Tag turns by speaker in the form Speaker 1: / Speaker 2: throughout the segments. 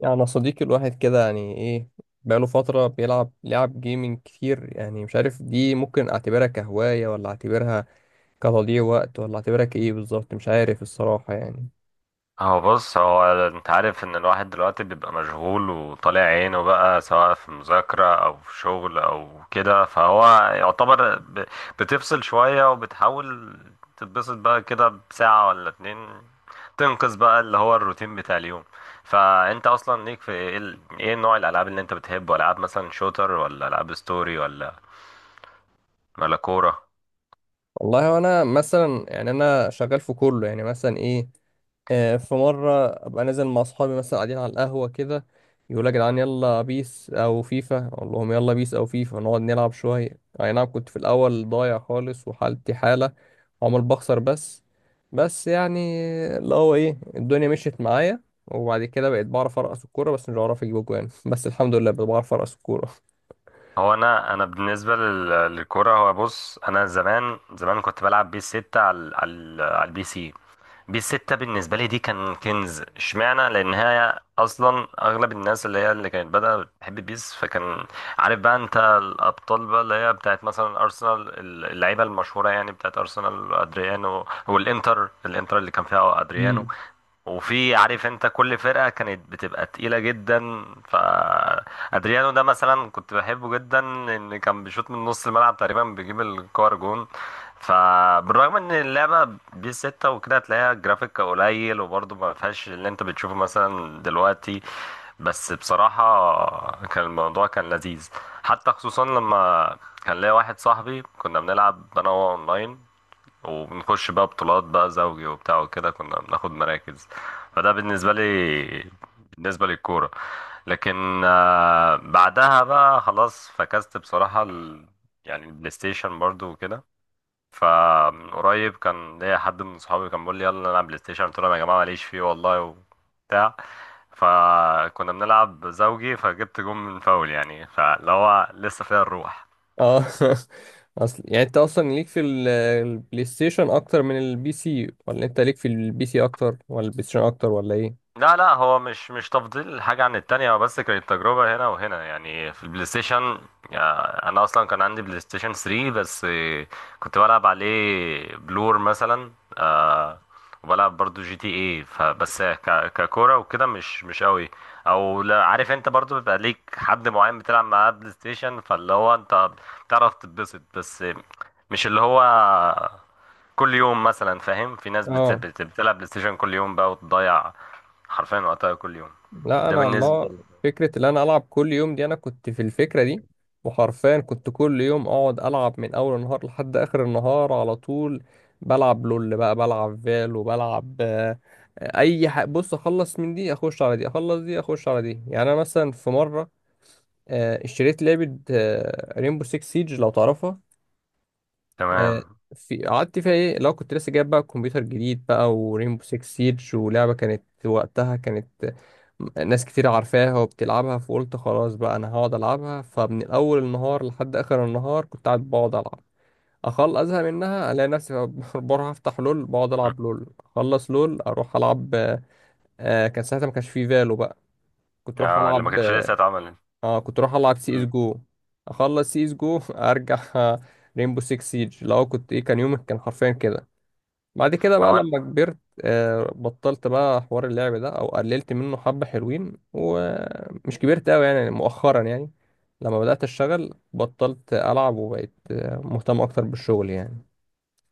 Speaker 1: يعني أنا صديقي الواحد كده يعني ايه بقاله فترة بيلعب لعب جيمنج كتير، يعني مش عارف دي ممكن اعتبرها كهواية ولا اعتبرها كتضييع وقت ولا اعتبرها كايه بالظبط، مش عارف الصراحة يعني.
Speaker 2: هو بص، انت عارف ان الواحد دلوقتي بيبقى مشغول وطالع عينه بقى، سواء في مذاكرة او في شغل او كده. فهو يعتبر بتفصل شوية وبتحاول تتبسط بقى كده بساعة ولا اتنين، تنقذ بقى اللي هو الروتين بتاع اليوم. فانت اصلا ليك في ايه؟ ايه نوع الالعاب اللي انت بتحبه؟ العاب مثلا شوتر، ولا العاب ستوري، ولا كورة؟
Speaker 1: والله انا مثلا يعني انا شغال في كله يعني مثلا ايه. في مرة أبقى نازل مع أصحابي مثلا قاعدين على القهوة كده، يقولوا يا جدعان يلا بيس أو فيفا، أقول لهم يلا بيس أو فيفا نقعد نلعب شوية. أي نعم، كنت في الأول ضايع خالص وحالتي حالة وعمال بخسر، بس يعني اللي هو إيه، الدنيا مشيت معايا وبعد كده بقيت بعرف أرقص الكورة بس مش بعرف أجيب أجوان. بس الحمد لله بقيت بعرف أرقص الكورة.
Speaker 2: هو انا بالنسبه للكوره، هو بص، انا زمان زمان كنت بلعب بيس 6 على البي سي. بيس 6 بالنسبه لي دي كان كنز، اشمعنى؟ لان هي اصلا اغلب الناس اللي كانت بدأت بتحب بيس، فكان عارف بقى انت الابطال بقى اللي هي بتاعت مثلا ارسنال. اللعيبه المشهوره يعني بتاعت ارسنال، ادريانو، والانتر، الانتر اللي كان فيها ادريانو.
Speaker 1: امم.
Speaker 2: وفي، عارف انت، كل فرقة كانت بتبقى تقيلة جدا. فادريانو ده مثلا كنت بحبه جدا لان كان بيشوط من نص الملعب تقريبا بيجيب الكور جون. فبالرغم ان اللعبة بي 6 وكده، هتلاقيها جرافيك قليل وبرضه ما فيهاش اللي انت بتشوفه مثلا دلوقتي، بس بصراحة كان الموضوع كان لذيذ. حتى خصوصا لما كان ليا واحد صاحبي كنا بنلعب أنا وهو أونلاين، وبنخش بقى بطولات بقى زوجي وبتاع، وكده كنا بناخد مراكز. فده بالنسبة لي، بالنسبة للكورة. لكن بعدها بقى خلاص فكست بصراحة يعني البلاي ستيشن برضو وكده. فمن قريب كان ليا حد من صحابي كان بيقول لي يلا نلعب بلاي ستيشن، قلت لهم يا جماعه ماليش فيه والله وبتاع. فكنا بنلعب زوجي، فجبت جون من فاول يعني، فاللي هو لسه فيها الروح.
Speaker 1: أه. أصل يعني أنت أصلا ليك في البلاي ستيشن أكتر من البي سي، ولا أنت ليك في البي سي أكتر ولا البلاي ستيشن أكتر، ولا إيه؟
Speaker 2: لا لا، هو مش تفضيل حاجة عن التانية، هو بس كانت تجربة هنا وهنا. يعني في البلاي ستيشن، أنا أصلا كان عندي بلاي ستيشن 3، بس كنت بلعب عليه بلور مثلا، آه، وبلعب برضو جي تي اي. فبس ككورة وكده مش قوي. أو لا، عارف أنت برضو بيبقى ليك حد معين بتلعب معاه بلاي ستيشن، فاللي هو أنت بتعرف تتبسط، بس مش اللي هو كل يوم مثلا، فاهم؟ في ناس
Speaker 1: اه،
Speaker 2: بتلعب بلاي ستيشن كل يوم بقى وتضيع حرفيا وقتها كل يوم.
Speaker 1: لا
Speaker 2: ده
Speaker 1: انا
Speaker 2: بالنسبة
Speaker 1: الله،
Speaker 2: لي.
Speaker 1: فكره ان انا العب كل يوم دي، انا كنت في الفكره دي. وحرفيا كنت كل يوم اقعد العب من اول النهار لحد اخر النهار على طول، بلعب لول بقى، بلعب فال، وبلعب اي حاجه. بص، اخلص من دي اخش على دي، اخلص دي اخش على دي. يعني انا مثلا في مره اشتريت لعبه ريمبو 6 سيج، لو تعرفها. آه،
Speaker 2: تمام.
Speaker 1: في قعدت فيها ايه، لو كنت لسه جايب بقى كمبيوتر جديد بقى ورينبو 6 سيج ولعبة كانت وقتها، كانت ناس كتير عارفاها وبتلعبها. فقلت خلاص بقى انا هقعد العبها، فمن اول النهار لحد اخر النهار كنت قاعد بقعد العب اخل ازهق منها، الاقي نفسي بروح افتح لول، بقعد
Speaker 2: مم.
Speaker 1: العب لول، اخلص لول اروح العب. آه كان ساعتها ما كانش فيه فالو بقى، كنت اروح
Speaker 2: اه، اللي ما
Speaker 1: العب.
Speaker 2: كانتش لسه اتعملت.
Speaker 1: اه كنت اروح العب سي
Speaker 2: مم.
Speaker 1: اس جو، اخلص سي اس جو ارجع رينبو 6 سيج. لو كنت ايه، كان يومك كان حرفيا كده. بعد كده بقى
Speaker 2: هو
Speaker 1: لما كبرت، بطلت بقى حوار اللعب ده او قللت منه حبة، حلوين ومش كبرت قوي يعني، مؤخرا يعني لما بدأت اشتغل بطلت العب وبقيت مهتم اكتر بالشغل يعني.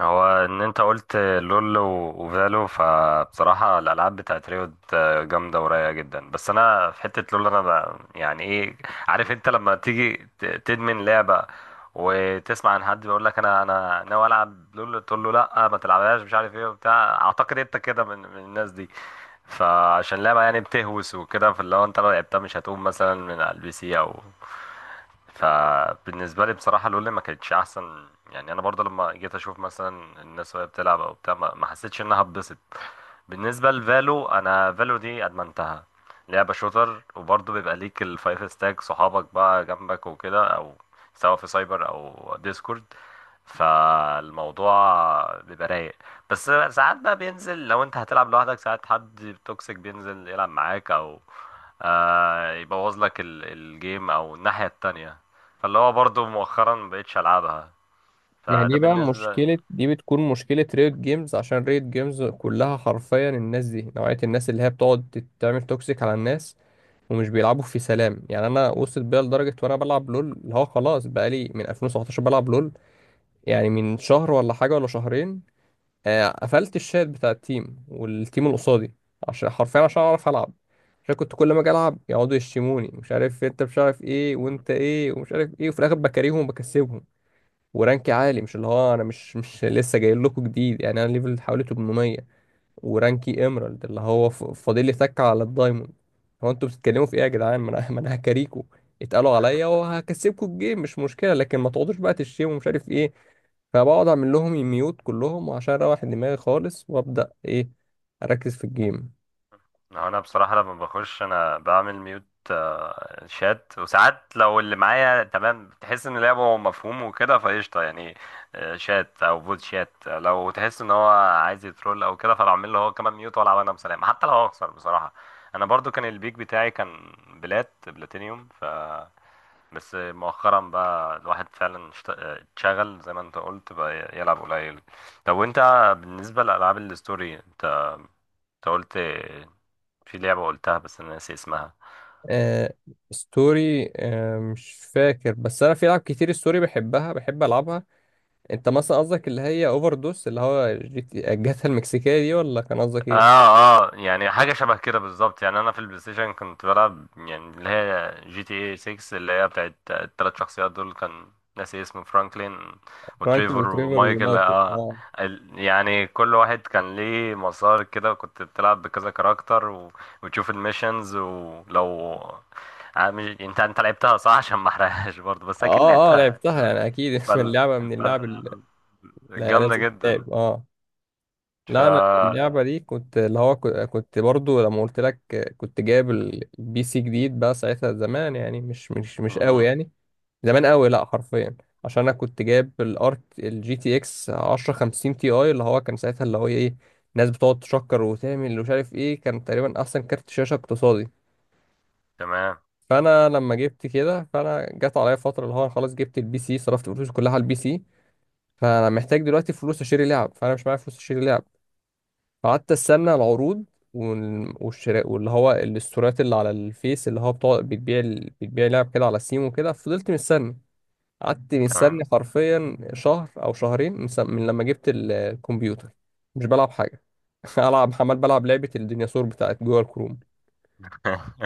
Speaker 2: هو ان انت قلت لول وفالو، فبصراحة الالعاب بتاعت ريوت جامدة ورايقة جدا. بس انا في حتة لول انا يعني ايه، عارف انت لما تيجي تدمن لعبة وتسمع عن حد بيقول لك انا ناوي العب لول، تقول له لا، ما تلعبهاش مش عارف ايه وبتاع. اعتقد انت كده من الناس دي، فعشان لعبة يعني بتهوس وكده، فاللي هو انت لو لعبتها مش هتقوم مثلا من على البي سي او. فبالنسبة لي بصراحة لولا ما كانتش أحسن. يعني أنا برضه لما جيت أشوف مثلا الناس وهي بتلعب أو بتاع، ما حسيتش إنها اتبسط. بالنسبة لفالو، أنا فالو دي أدمنتها. لعبة شوتر، وبرضه بيبقى ليك الفايف ستاك، صحابك بقى جنبك وكده، أو سواء في سايبر أو ديسكورد، فالموضوع بيبقى رايق. بس ساعات بقى بينزل، لو انت هتلعب لوحدك ساعات حد توكسيك بينزل يلعب معاك، او يبوظ لك الجيم او الناحية التانية. فاللي هو برضو مؤخرا مبقتش العبها.
Speaker 1: ما هي دي
Speaker 2: فده
Speaker 1: بقى
Speaker 2: بالنسبة.
Speaker 1: مشكلة، دي بتكون مشكلة ريد جيمز، عشان ريد جيمز كلها حرفيا الناس دي، نوعية الناس اللي هي بتقعد تعمل توكسيك على الناس ومش بيلعبوا في سلام. يعني انا وصلت بيا لدرجة وانا بلعب لول اللي هو خلاص، بقالي من 2017 بلعب لول، يعني من شهر ولا حاجة ولا شهرين قفلت الشات بتاع التيم والتيم اللي قصادي، عشان حرفيا عشان اعرف العب. عشان كنت كل ما اجي العب يقعدوا يشتموني، مش عارف انت، مش عارف ايه،
Speaker 2: مم.
Speaker 1: وانت ايه، ومش عارف ايه. وفي الاخر بكاريهم وبكسبهم. ورانكي عالي، مش اللي هو انا مش لسه جاي لكم جديد يعني. انا ليفل حوالي 800 ورانكي ايمرالد اللي هو فاضل لي سكه على الدايموند. هو انتوا بتتكلموا في ايه يا جدعان؟ ما انا ما انا هكاريكو اتقالوا عليا وهكسبكوا الجيم، مش مشكله، لكن ما تقعدوش بقى تشتموا ومش عارف ايه. فبقعد اعمل لهم ميوت كلهم، وعشان اروح دماغي خالص وابدا ايه، اركز في الجيم.
Speaker 2: هو انا بصراحة لما بخش انا بعمل ميوت شات، وساعات لو اللي معايا تمام تحس ان لعبه مفهوم وكده، فقشطة يعني. شات او بوت شات، لو تحس ان هو عايز يترول او كده، فبعمل له هو كمان ميوت والعب انا بسلام، حتى لو هخسر بصراحة. انا برضو كان البيك بتاعي كان بلاتينيوم. ف بس مؤخرا بقى الواحد فعلا اتشغل زي ما انت قلت بقى، يلعب قليل. طب وانت، بالنسبة لألعاب الستوري، انت قلت في لعبة قلتها بس انا ناسي اسمها.
Speaker 1: آه ستوري، آه مش فاكر، بس انا في العاب كتير ستوري بحبها بحب العبها. انت مثلا قصدك اللي هي اوفر دوس، اللي هو الجاتا المكسيكيه دي، ولا كان قصدك
Speaker 2: اه،
Speaker 1: ايه؟
Speaker 2: اه، يعني حاجه شبه كده بالظبط. يعني انا في البلاي ستيشن كنت بلعب يعني اللي هي جي تي اي 6، اللي هي بتاعت الثلاث شخصيات دول، كان ناسي اسمه، فرانكلين
Speaker 1: فرانكل
Speaker 2: وتريفر
Speaker 1: وتريفر
Speaker 2: ومايكل.
Speaker 1: ونايتل.
Speaker 2: اه، يعني كل واحد كان ليه مسار كده، وكنت بتلعب بكذا كاركتر وتشوف الميشنز، ولو مش... انت لعبتها صح عشان ما احرقهاش برضه، بس اكيد
Speaker 1: اه اه
Speaker 2: لعبتها.
Speaker 1: لعبتها
Speaker 2: آه.
Speaker 1: يعني اكيد.
Speaker 2: فال...
Speaker 1: اللعبه من اللعب
Speaker 2: فال...
Speaker 1: اللي هي
Speaker 2: جامده
Speaker 1: لازم
Speaker 2: جدا.
Speaker 1: تلعب، اه.
Speaker 2: ف.
Speaker 1: لا انا اللعبه دي كنت اللي هو كنت برضو لما قلت لك كنت جايب البي سي جديد بقى ساعتها، زمان يعني، مش قوي
Speaker 2: مم.
Speaker 1: يعني. زمان قوي لا، حرفيا. عشان انا كنت جايب الارت الجي تي اكس 1050 تي اي، اللي هو كان ساعتها اللي هو ايه، ناس بتقعد تشكر وتعمل ومش عارف ايه، كان تقريبا احسن كارت شاشه اقتصادي.
Speaker 2: تمام.
Speaker 1: فانا لما جبت كده، فانا جت عليا فتره اللي هو أنا خلاص جبت البي سي صرفت فلوسي كلها على البي سي، فانا محتاج دلوقتي فلوس اشتري لعب، فانا مش معايا فلوس اشتري لعب. فقعدت استنى العروض والشراء، واللي هو الاستورات اللي على الفيس، اللي هو بتوع بتبيع بتبيع لعب كده على سيم وكده. فضلت مستني، قعدت
Speaker 2: تمام
Speaker 1: مستني حرفيا شهر او شهرين من من لما جبت الكمبيوتر، مش بلعب حاجه. العب عمال بلعب لعبه الديناصور بتاعت جوه الكروم.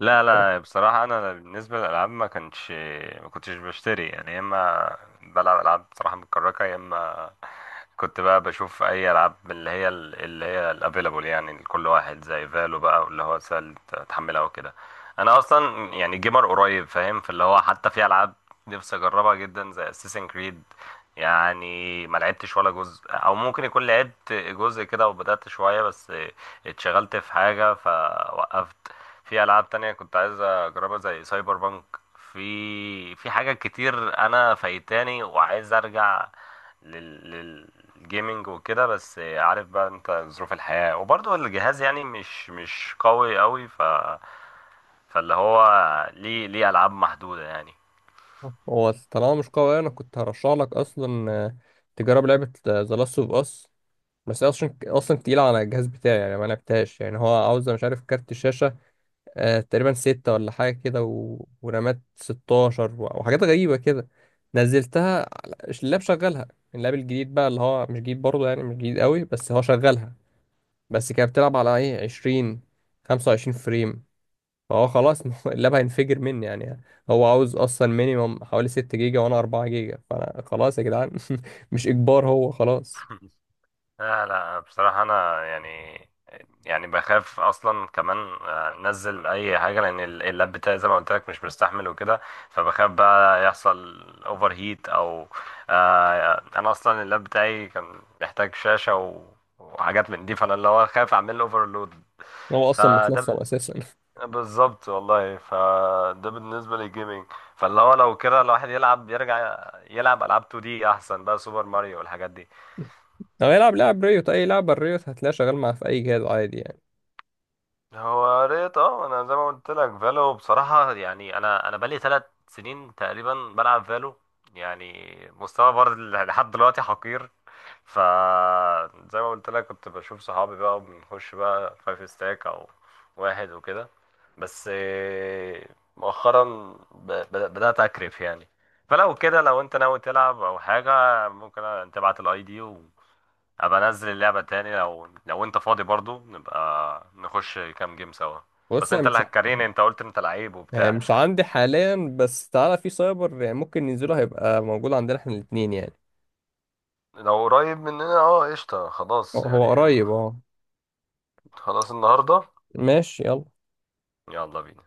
Speaker 2: لا لا، بصراحة أنا بالنسبة للألعاب ما كانش، ما كنتش بشتري يعني. يا إما بلعب ألعاب بصراحة متكركة، يا إما كنت بقى بشوف أي ألعاب من اللي هي الأفيلابل، يعني لكل واحد زي فالو بقى، واللي هو سهل تحملها وكده. أنا أصلا يعني جيمر قريب، فاهم؟ فاللي هو حتى في ألعاب نفسي أجربها جدا زي أساسن كريد، يعني ما لعبتش ولا جزء، او ممكن يكون لعبت جزء كده وبدأت شوية بس اتشغلت في حاجة فوقفت. في العاب تانية كنت عايز اجربها زي سايبر بانك. في حاجات كتير انا فايتاني وعايز ارجع لل... للجيمنج وكده، بس عارف بقى انت ظروف الحياة وبرضه الجهاز يعني مش قوي قوي. ف فاللي هو ليه العاب محدودة يعني.
Speaker 1: هو طالما مش قوي، انا كنت هرشح لك اصلا تجرب لعبه ذا لاست اوف اس، بس هي اصلا تقيله على الجهاز بتاعي يعني، ما لعبتهاش يعني. هو عاوز مش عارف كارت شاشه آه تقريبا ستة ولا حاجه كده، ورامات 16، وحاجات غريبه كده. نزلتها على- اللاب شغلها. اللاب الجديد بقى، اللي هو مش جديد برضه يعني، مش جديد قوي، بس هو شغلها. بس كانت بتلعب على ايه، 20، 25 فريم، فهو خلاص اللاب هينفجر مني يعني. هو عاوز اصلا مينيمم حوالي 6 جيجا وانا 4 جيجا، فانا خلاص يا جدعان. مش اجبار، هو خلاص.
Speaker 2: لا لا، بصراحة أنا يعني بخاف أصلا كمان أنزل أي حاجة، لأن اللاب بتاعي زي ما قلت لك مش مستحمل وكده، فبخاف بقى يحصل أوفر هيت أو أنا أصلا اللاب بتاعي كان محتاج شاشة وحاجات من دي، فأنا اللي هو خايف أعمل أوفرلود.
Speaker 1: هو اصلا
Speaker 2: فده
Speaker 1: متلصم اساسا.
Speaker 2: بالظبط والله. فده بالنسبة للجيمنج. فاللي هو لو كده الواحد يلعب، يرجع يلعب ألعاب 2D أحسن بقى، سوبر ماريو والحاجات دي.
Speaker 1: لو يلعب لاعب ريوت اي لعبه ريوت هتلاقيه شغال معاه في اي جهاز عادي يعني.
Speaker 2: هو قريت، اه، انا زي ما قلت لك فالو، بصراحة يعني انا بقالي 3 سنين تقريبا بلعب فالو. يعني مستوى برضه لحد دلوقتي حقير. ف زي ما قلت لك كنت بشوف صحابي بقى، بنخش بقى فايف ستاك او واحد وكده. بس مؤخرا بدأت اكرف يعني. فلو كده لو انت ناوي تلعب او حاجة، ممكن تبعت الاي دي، ابقى انزل اللعبة تاني. لو انت فاضي برضو، نبقى نخش كام جيم سوا.
Speaker 1: بص
Speaker 2: بس
Speaker 1: أنا
Speaker 2: انت اللي
Speaker 1: مش
Speaker 2: هتكريني، انت قلت انت لعيب وبتاع.
Speaker 1: مش عندي حاليا، بس تعالى في سايبر يعني ممكن ننزله، هيبقى موجود عندنا احنا الاثنين يعني.
Speaker 2: لو قريب مننا، اه قشطة
Speaker 1: هو
Speaker 2: خلاص
Speaker 1: هو
Speaker 2: يعني.
Speaker 1: قريب، اه.
Speaker 2: خلاص النهاردة،
Speaker 1: ماشي يلا.
Speaker 2: يلا بينا.